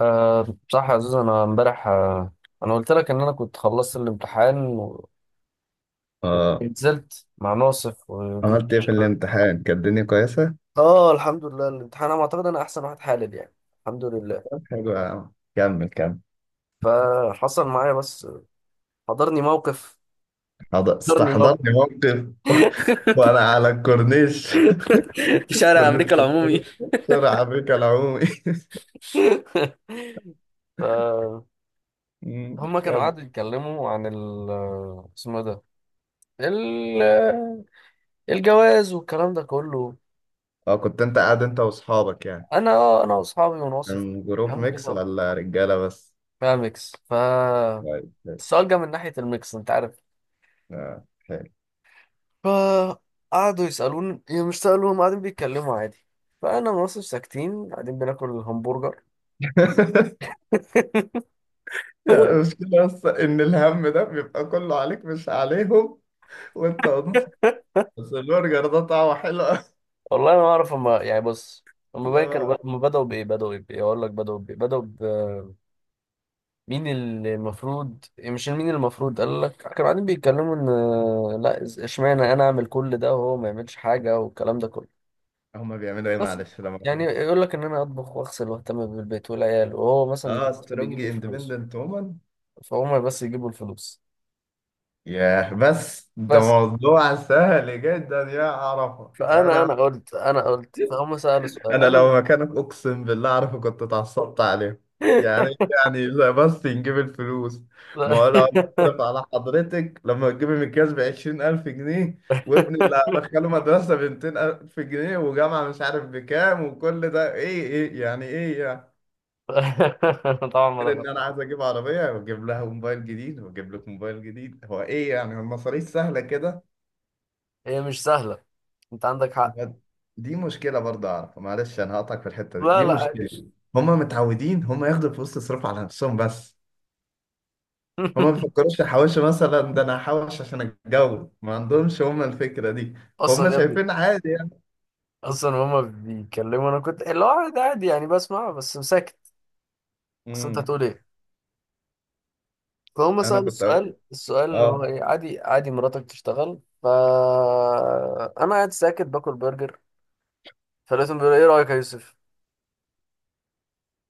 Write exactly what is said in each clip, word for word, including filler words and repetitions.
أه صح يا عزيز، انا امبارح أه انا قلت لك ان انا كنت خلصت الامتحان اه، ونزلت مع ناصف وجروب عملت ايه في الشباب. الامتحان؟ كانت الدنيا كويسة؟ اه الحمد لله، الامتحان انا اعتقد انا احسن واحد حالل يعني. الحمد لله. طب حلو يا عم، كمل كمل. فحصل معايا بس حضرني موقف حض- حضرني موقف استحضرني موقف وانا على الكورنيش. في شارع كورنيش؟ امريكا العمومي. بسرعة بك العمومي. فهم مم، كانوا كمل. قعدوا يتكلموا عن ال آه، اسمه إيه ده؟ ال- آه، الجواز والكلام ده كله. اه، كنت انت قاعد انت واصحابك يعني؟ انا آه، انا واصحابي وناصف كان جروب فاهموا ميكس كده، ولا رجالة بس؟ فاهم ميكس. ف طيب حلو. السؤال جه من ناحية الميكس، انت عارف. اه، حلو. فقعدوا يسألوني، يعني مش سألوا، هم قاعدين بيتكلموا عادي. فأنا ما بصش ساكتين قاعدين بناكل الهمبرجر. يعني المشكلة بس إن الهم ده بيبقى كله عليك مش عليهم، وأنت واضح. بس البرجر ده طعمه حلو أوي. والله ما أعرف هما، يعني بص، هما باين كانوا لا. ب- هما بدأوا بإيه، بدأوا بإيه أقول لك بدأوا بإيه، بدأوا ب مين اللي المفروض، يعني مش مين اللي المفروض قال لك. كانوا قاعدين بيتكلموا إن آه، لا إز- إشمعنى أنا أعمل كل ده وهو ما يعملش حاجة، والكلام ده كله. هما بيعملوا ايه؟ بس معلش لما يعني بقول- يقول لك إن أنا أطبخ وأغسل وأهتم بالبيت والعيال، وهو مثلا اه، يكون سترونج بيجيب الفلوس. اندبندنت وومن. فهم بس يجيبوا الفلوس، ياه، بس ده بس. موضوع سهل جدا يا عرفة. فانا انا، انا قلت انا قلت فهم سالوا سؤال، انا انا لو مكانك اقسم بالله عارفة كنت اتعصبت عليه. يعني، يعني لا بس نجيب الفلوس؟ ما هو ف- لو انا اصرف على حضرتك لما تجيب المكياج ب عشرين ألف جنيه، وابني اللي هدخله مدرسة ب ميتين ألف جنيه، وجامعة مش عارف بكام، وكل ده ايه؟ ايه يعني؟ ايه يعني؟ طبعا ما غير ان انا دخلت. عايز اجيب عربيه، واجيب لها موبايل جديد، واجيب لك موبايل جديد، هو ايه يعني؟ هو المصاريف سهله كده؟ هي مش سهله، انت عندك حق. هو دي مشكله برضه اعرف، معلش انا هقطعك في الحته دي، لا، دي لا، مشكله. عادي. هما متعودين هما ياخدوا فلوس تصرف على نفسهم بس. هما ما بيفكروش يحوشوا مثلا، ده انا هحوش عشان اتجوز، ما عندهمش هما الفكره دي. هما اصلا يا ابني، شايفين عادي يعني. اصلا هما بيتكلموا، انا كنت اللي هو عادي عادي يعني، بسمع بس ساكت. اصل انت امم. هتقول ايه؟ فهم انا سالوا كنت السؤال، قلت السؤال اللي هو اه. ايه، عادي عادي مراتك تشتغل. ف انا قاعد ساكت باكل برجر، فلقيتهم بيقولوا: ايه رايك يا يوسف؟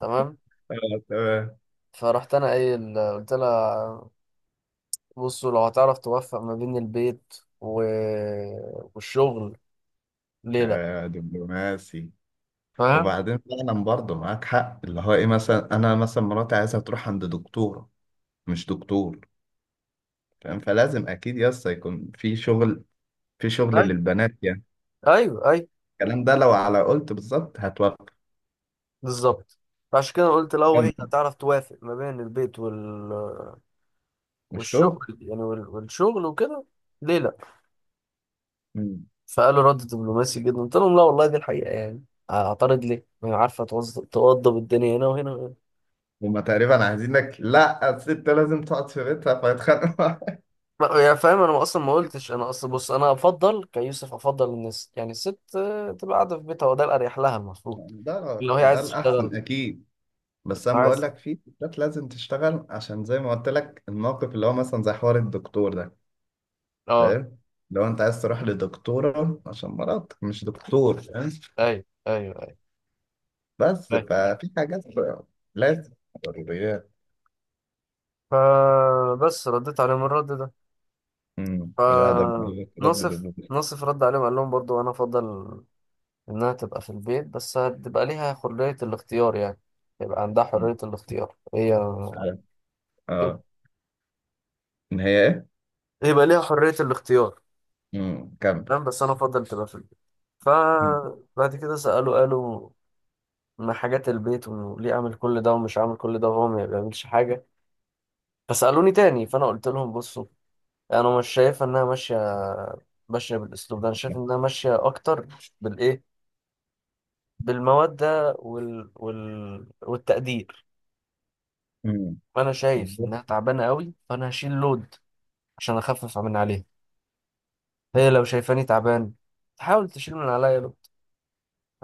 تمام. آه، تمام. فرحت انا قايل قلت لها: بصوا، لو هتعرف توفق ما بين البيت و... والشغل، ليه لا؟ آه، دبلوماسي. فاهم. وبعدين فعلا برضه معاك حق، اللي هو ايه، مثلا انا، مثلا مراتي عايزها تروح عند دكتورة، مش دكتور، فاهم؟ فلازم اكيد يس يكون في شغل، في شغل طيب، للبنات يعني. ايوه، ايوه، الكلام ده لو على قلت بالظبط هتوقف. بالظبط. فعشان كده قلت: لو كمل. هي هتعرف توافق ما بين البيت وال... مش شغل. والشغل يعني، وال... والشغل وكده، ليه لا؟ مم. فقالوا: رد دبلوماسي جدا. قلت لهم: لا والله، دي الحقيقة يعني. اعترض ليه؟ ما هي عارفة توظ- توضب الدنيا هنا وهنا. هما تقريبا عايزينك لا، الست لازم تقعد في بيتها فيتخانقوا. ما- يعني فاهم، انا اصلا ما قلتش، انا اصلا بص، انا افضل كيوسف، افضل ان الس- يعني الست آه، تبقى قاعده في بيتها، وده الاريح لها المفروض. ده لو هي ده عايزه تشتغل، الاحسن اكيد. بس لو انا بقول عايز. لك في ستات لازم تشتغل، عشان زي ما قلت لك، الموقف اللي هو مثلا زي حوار الدكتور ده، اه، فاهم؟ لو انت عايز تروح لدكتورة عشان مرضك، مش دكتور، فاهم؟ ايوه، ايوه، ايوه، بس ايوه. ففي حاجات لازم، ضروريات. فبس رديت عليهم الرد ده. امم، الادب. ردد فناصف البدن. ناصف رد عليهم، قال لهم برضو: انا افضل انها تبقى في البيت، بس هتبقى ليها حريه الاختيار يعني. يبقى عندها أمم، حريه الاختيار هي، عارف. كده، اه. ان هي ايه. يبقى ليها حريه الاختيار. امم، كمل. نعم، بس انا افضل تبقى في البيت. أمم. فبعد كده سأله قالوا: ما حاجات البيت؟ وليه اعمل كل ده ومش عامل كل ده وهو ما بيعملش حاجة؟ فسألوني تاني، فانا قلت لهم: بصوا، انا مش شايف انها ماشية، ماشية بالاسلوب ده. انا مش شايف عارف. انها ماشية اكتر بالايه، بالمودة وال... وال... والتقدير. أمم. فانا شايف بالظبط. انها تعبانة قوي، فانا هشيل لود عشان اخفف من عليها. هي لو شايفاني تعبان، تحاول تشيل من عليا.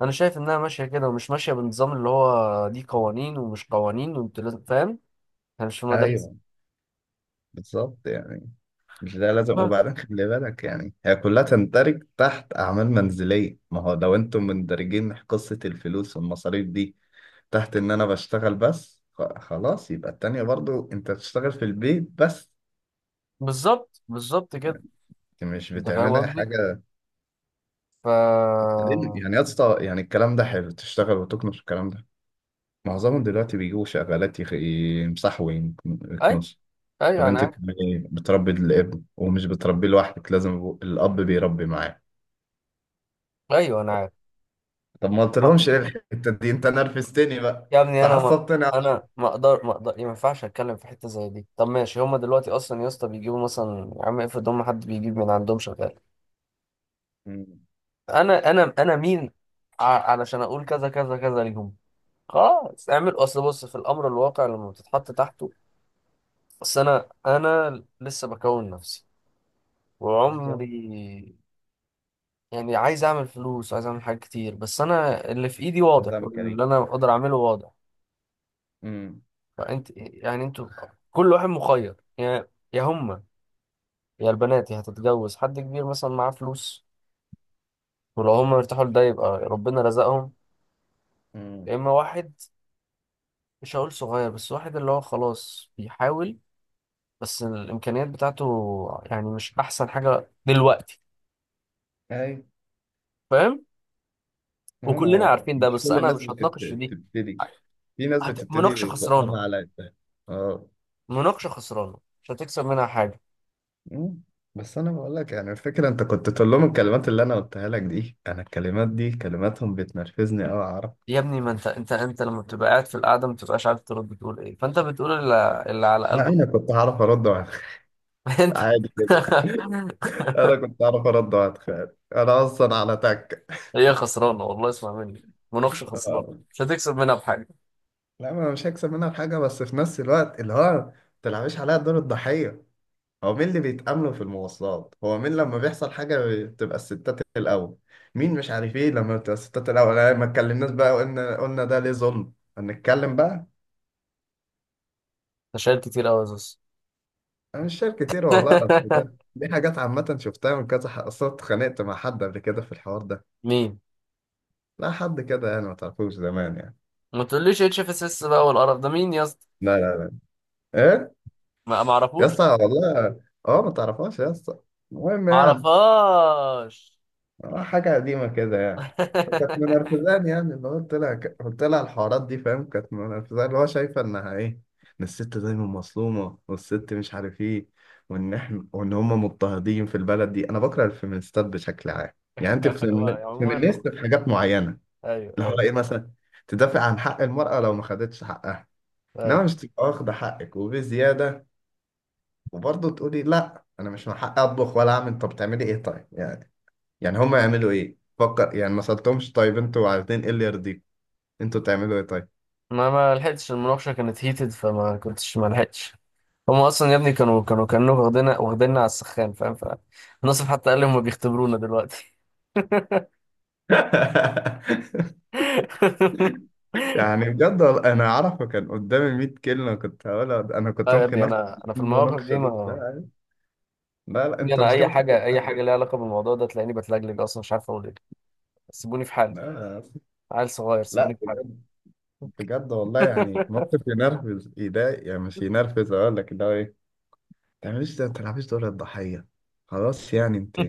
انا شايف انها ماشيه كده، ومش ماشيه بالنظام اللي هو دي قوانين ومش قوانين وانت لازم، فاهم. احنا مش في مدرسه. ايوه، بالظبط يعني. مش ده لازم؟ وبعدين خلي بالك يعني، هي كلها تندرج تحت اعمال منزليه. ما هو لو انتم مندرجين قصه الفلوس والمصاريف دي تحت ان انا بشتغل بس، خ- خلاص يبقى التانية برضو انت بتشتغل في البيت بس. بالظبط، بالظبط كده. انت مش انت فاهم بتعملي قصدي. حاجة. ف بعدين يعني يا اسطى، يعني الكلام ده حلو، تشتغل وتكنس، الكلام ده. معظمهم دلوقتي بيجوا شغالات يخ- يمسحوا اي، ويكنسوا. طب ايوه انا انت عارف. بتعملي إيه؟ بتربي الابن؟ ومش بتربيه لوحدك، لازم يبقوا- الاب بيربي معاه. ايوه انا عارف. طب ما ما- قلتلهمش ايه الحتة دي؟ انت نرفزتني بقى، يا ابني، انا ما تعصبتني يا صاحبي. انا ما اقدر ما اقدر، ما ينفعش اتكلم في حته زي دي. طب ماشي، هما دلوقتي اصلا يا اسطى بيجيبوا مثلا، يا عم افرض هما حد بيجيب من عندهم شغال. مم. انا انا انا مين ع- علشان اقول كذا كذا كذا ليهم؟ خلاص اعمل، اصل بص في الامر الواقع لما بتتحط تحته. بس انا انا لسه بكون نفسي بالظبط. وعمري، يعني عايز اعمل فلوس وعايز اعمل حاجات كتير، بس انا اللي في ايدي واضح، نظام واللي كريم. انا اقدر اعمله واضح. امم. فانت يعني، انتوا كل واحد مخير، يا يا هما، يا البنات، يا هتتجوز حد كبير مثلا معاه فلوس، ولو هما مرتاحوا لده يبقى ربنا رزقهم. يا اما واحد، مش هقول صغير، بس واحد اللي هو خلاص بيحاول، بس الامكانيات بتاعته يعني مش احسن حاجة دلوقتي، امم. فاهم. ما هو ما وكلنا هو عارفين ده، مش بس كل انا الناس مش بتت- هتناقش في دي. بتبتدي، في ناس هت... مناقشه بتبتدي بقلم خسرانه، على قدها. اه. مناقشه خسرانه، مش هتكسب منها حاجه. مم. بس انا بقول لك يعني، الفكره انت كنت تقول لهم الكلمات اللي انا قلتها لك دي، انا الكلمات دي كلماتهم بتنرفزني قوي، اعرف. يا ابني، ما انت انت انت لما بتبقى قاعد في القعده ما بتبقاش عارف ترد بتقول ايه، فانت بتقول اللي, اللي على لا، قلبك. انا كنت هعرف ارد وأتخ- انت. عادي جدا. انا كنت هعرف ارد واتخيل، انا اصلا على تك. هي خسرانه والله، اسمع مني، مناقشه خسرانه، آه. مش هتكسب منها بحاجه. لا ما انا مش هكسب منها في حاجه، بس في نفس الوقت اللي هو، ما تلعبيش عليا دور الضحيه. هو مين اللي بيتأملوا في المواصلات؟ هو مين لما بيحصل حاجة بتبقى الستات الأول؟ مين مش عارف ايه لما بتبقى الستات الأول؟ أنا ما اتكلمناش بقى، وقلنا، قلنا ده ليه ظلم، هنتكلم بقى. انت شايل كتير قوي يا زوز. أنا مش شايف كتير والله، أصل ده دي حاجات عامة شفتها من كذا حق، أصل أنا اتخانقت مع حد قبل كده في الحوار ده. مين؟ لا، حد كده يعني ما تعرفوش، زمان يعني. ما تقوليش اتش اف اس اس بقى والقرف ده، مين يا اسطى؟ لا، لا. إيه؟ ما ما يا اعرفوش، اسطى والله. أه، ما تعرفهاش يا اسطى، المهم ما يعني. اعرفهاش. آه، حاجة قديمة كده يعني. فكانت منرفزاني يعني، اللي هو قلت لها ك- قلت لها الحوارات دي، فاهم؟ كانت منرفزاني، اللي هو شايفة إنها إيه، إن الست دايما مظلومة، والست مش عارف إيه، وإن إحنا، وإن هما مضطهدين في البلد دي. أنا بكره الفيمينيستات بشكل عام. يعني أنت فيمين- عموما، فيمينيست في حاجات معينة، ايوه، اللي هو ايوه، إيه مثلا، تدافع عن حق المرأة لو ما خدتش حقها، إنما أيوة. مش تبقى واخدة حقك وبزيادة، وبرضه تقولي لأ أنا مش من حقي أطبخ ولا أعمل. طب تعملي إيه طيب يعني؟ يعني هم يعملوا ايه؟ فكر يعني. ما سألتهمش طيب انتوا عايزين ايه اللي يرضيكم؟ انتوا تعملوا ايه طيب؟ ما ما لحقتش، المناقشة كانت هيتد فما كنتش، ما لحقتش. هما أصلا يا ابني كانوا، كانوا كانوا واخدينا واخديننا على السخان، فاهم. فناصف حتى قال لي: هما بيختبرونا دلوقتي. يعني بجد، وال- انا اعرف كان قدامي مية كلمه كنت هقولها، انا كنت لا يا ممكن ابني، افتح أنا أنا في المواقف المناقشه دي دي. ما لا، لا، لا، يعني، انت أنا مش أي كده، بتاكل حاجة، أي حاجة أهل. ليها علاقة بالموضوع ده تلاقيني بتلجلج، أصلا مش عارف أقول إيه. سيبوني في حالي، لا، عيل صغير، لا، سيبوني في حالي. بجد، بجد والله، يعني موقف ينرفز، يضايق، يعني مش ينرفز، اقول لك ده ايه، ما تعمليش ده، ما تلعبيش دور الضحيه. خلاص يعني انت،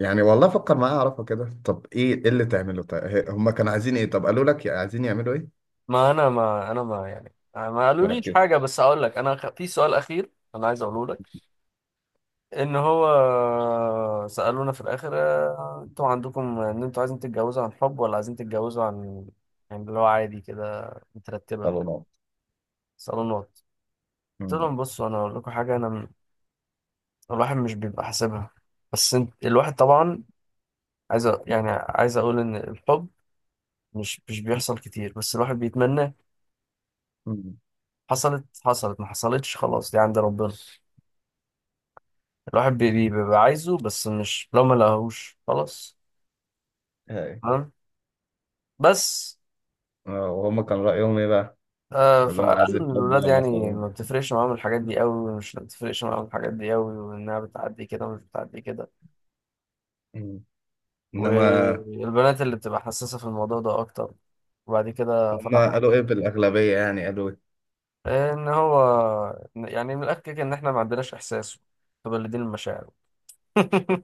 يعني والله فكر معايا اعرفه كده. طب ايه، إيه اللي تعمله؟ طيب هم كانوا عايزين ايه؟ طب قالوا لك عايزين يعملوا إيه؟ ما أنا ما أنا ما يعني ما قالوليش مركز. حاجة، بس أقول لك. أنا خ- في سؤال أخير أنا عايز أقوله لك. ان هو سألونا في الاخر: آه، انتوا عندكم ان انتوا عايزين تتجوزوا عن حب، ولا عايزين تتجوزوا عن، يعني اللي هو عادي كده، مترتبة، طب نقط. صالونات؟ قلت مم. لهم: بصوا، انا اقول لكم حاجة، انا م- الواحد مش بيبقى حاسبها، بس انت الواحد طبعا عايز أ- يعني عايز اقول ان الحب مش مش بيحصل كتير، بس الواحد بيتمنى. مم. حصلت حصلت، ما حصلتش خلاص، دي عند ربنا. الواحد بي- بي- بيبقى عايزه، بس مش لو ما لقاهوش خلاص. هاي. تمام، بس. آه، وهم كان رأيهم ايه بقى؟ آه، كلهم عايز فقال إن الحب الولاد ولا يعني صالون؟ ما بتفرقش معاهم الحاجات دي قوي، ومش بتفرقش معاهم الحاجات دي قوي، وانها بتعدي كده ومش بتعدي كده، مم. انما، والبنات اللي بتبقى حساسة في الموضوع ده اكتر. وبعد كده هم فرح، قالوا ايه بالأغلبية يعني؟ قالوا إيه؟ ان هو يعني من الاخر كده ان احنا ما عندناش احساس، متبلدين المشاعر.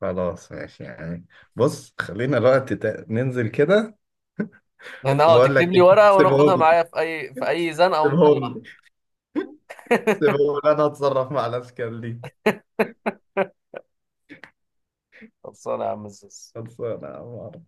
خلاص، ماشي يعني. بص خلينا الوقت تا- ننزل كده. ان اه بقول لك تكتب لي إيه، ورقة وناخدها سيبهم، معايا في اي في اي زنقة ونطلعها. سيبهم، سيبهم، انا اتصرف مع الاشكال دي. خلصانة يا عم الزوز. خلصانه يا عمار.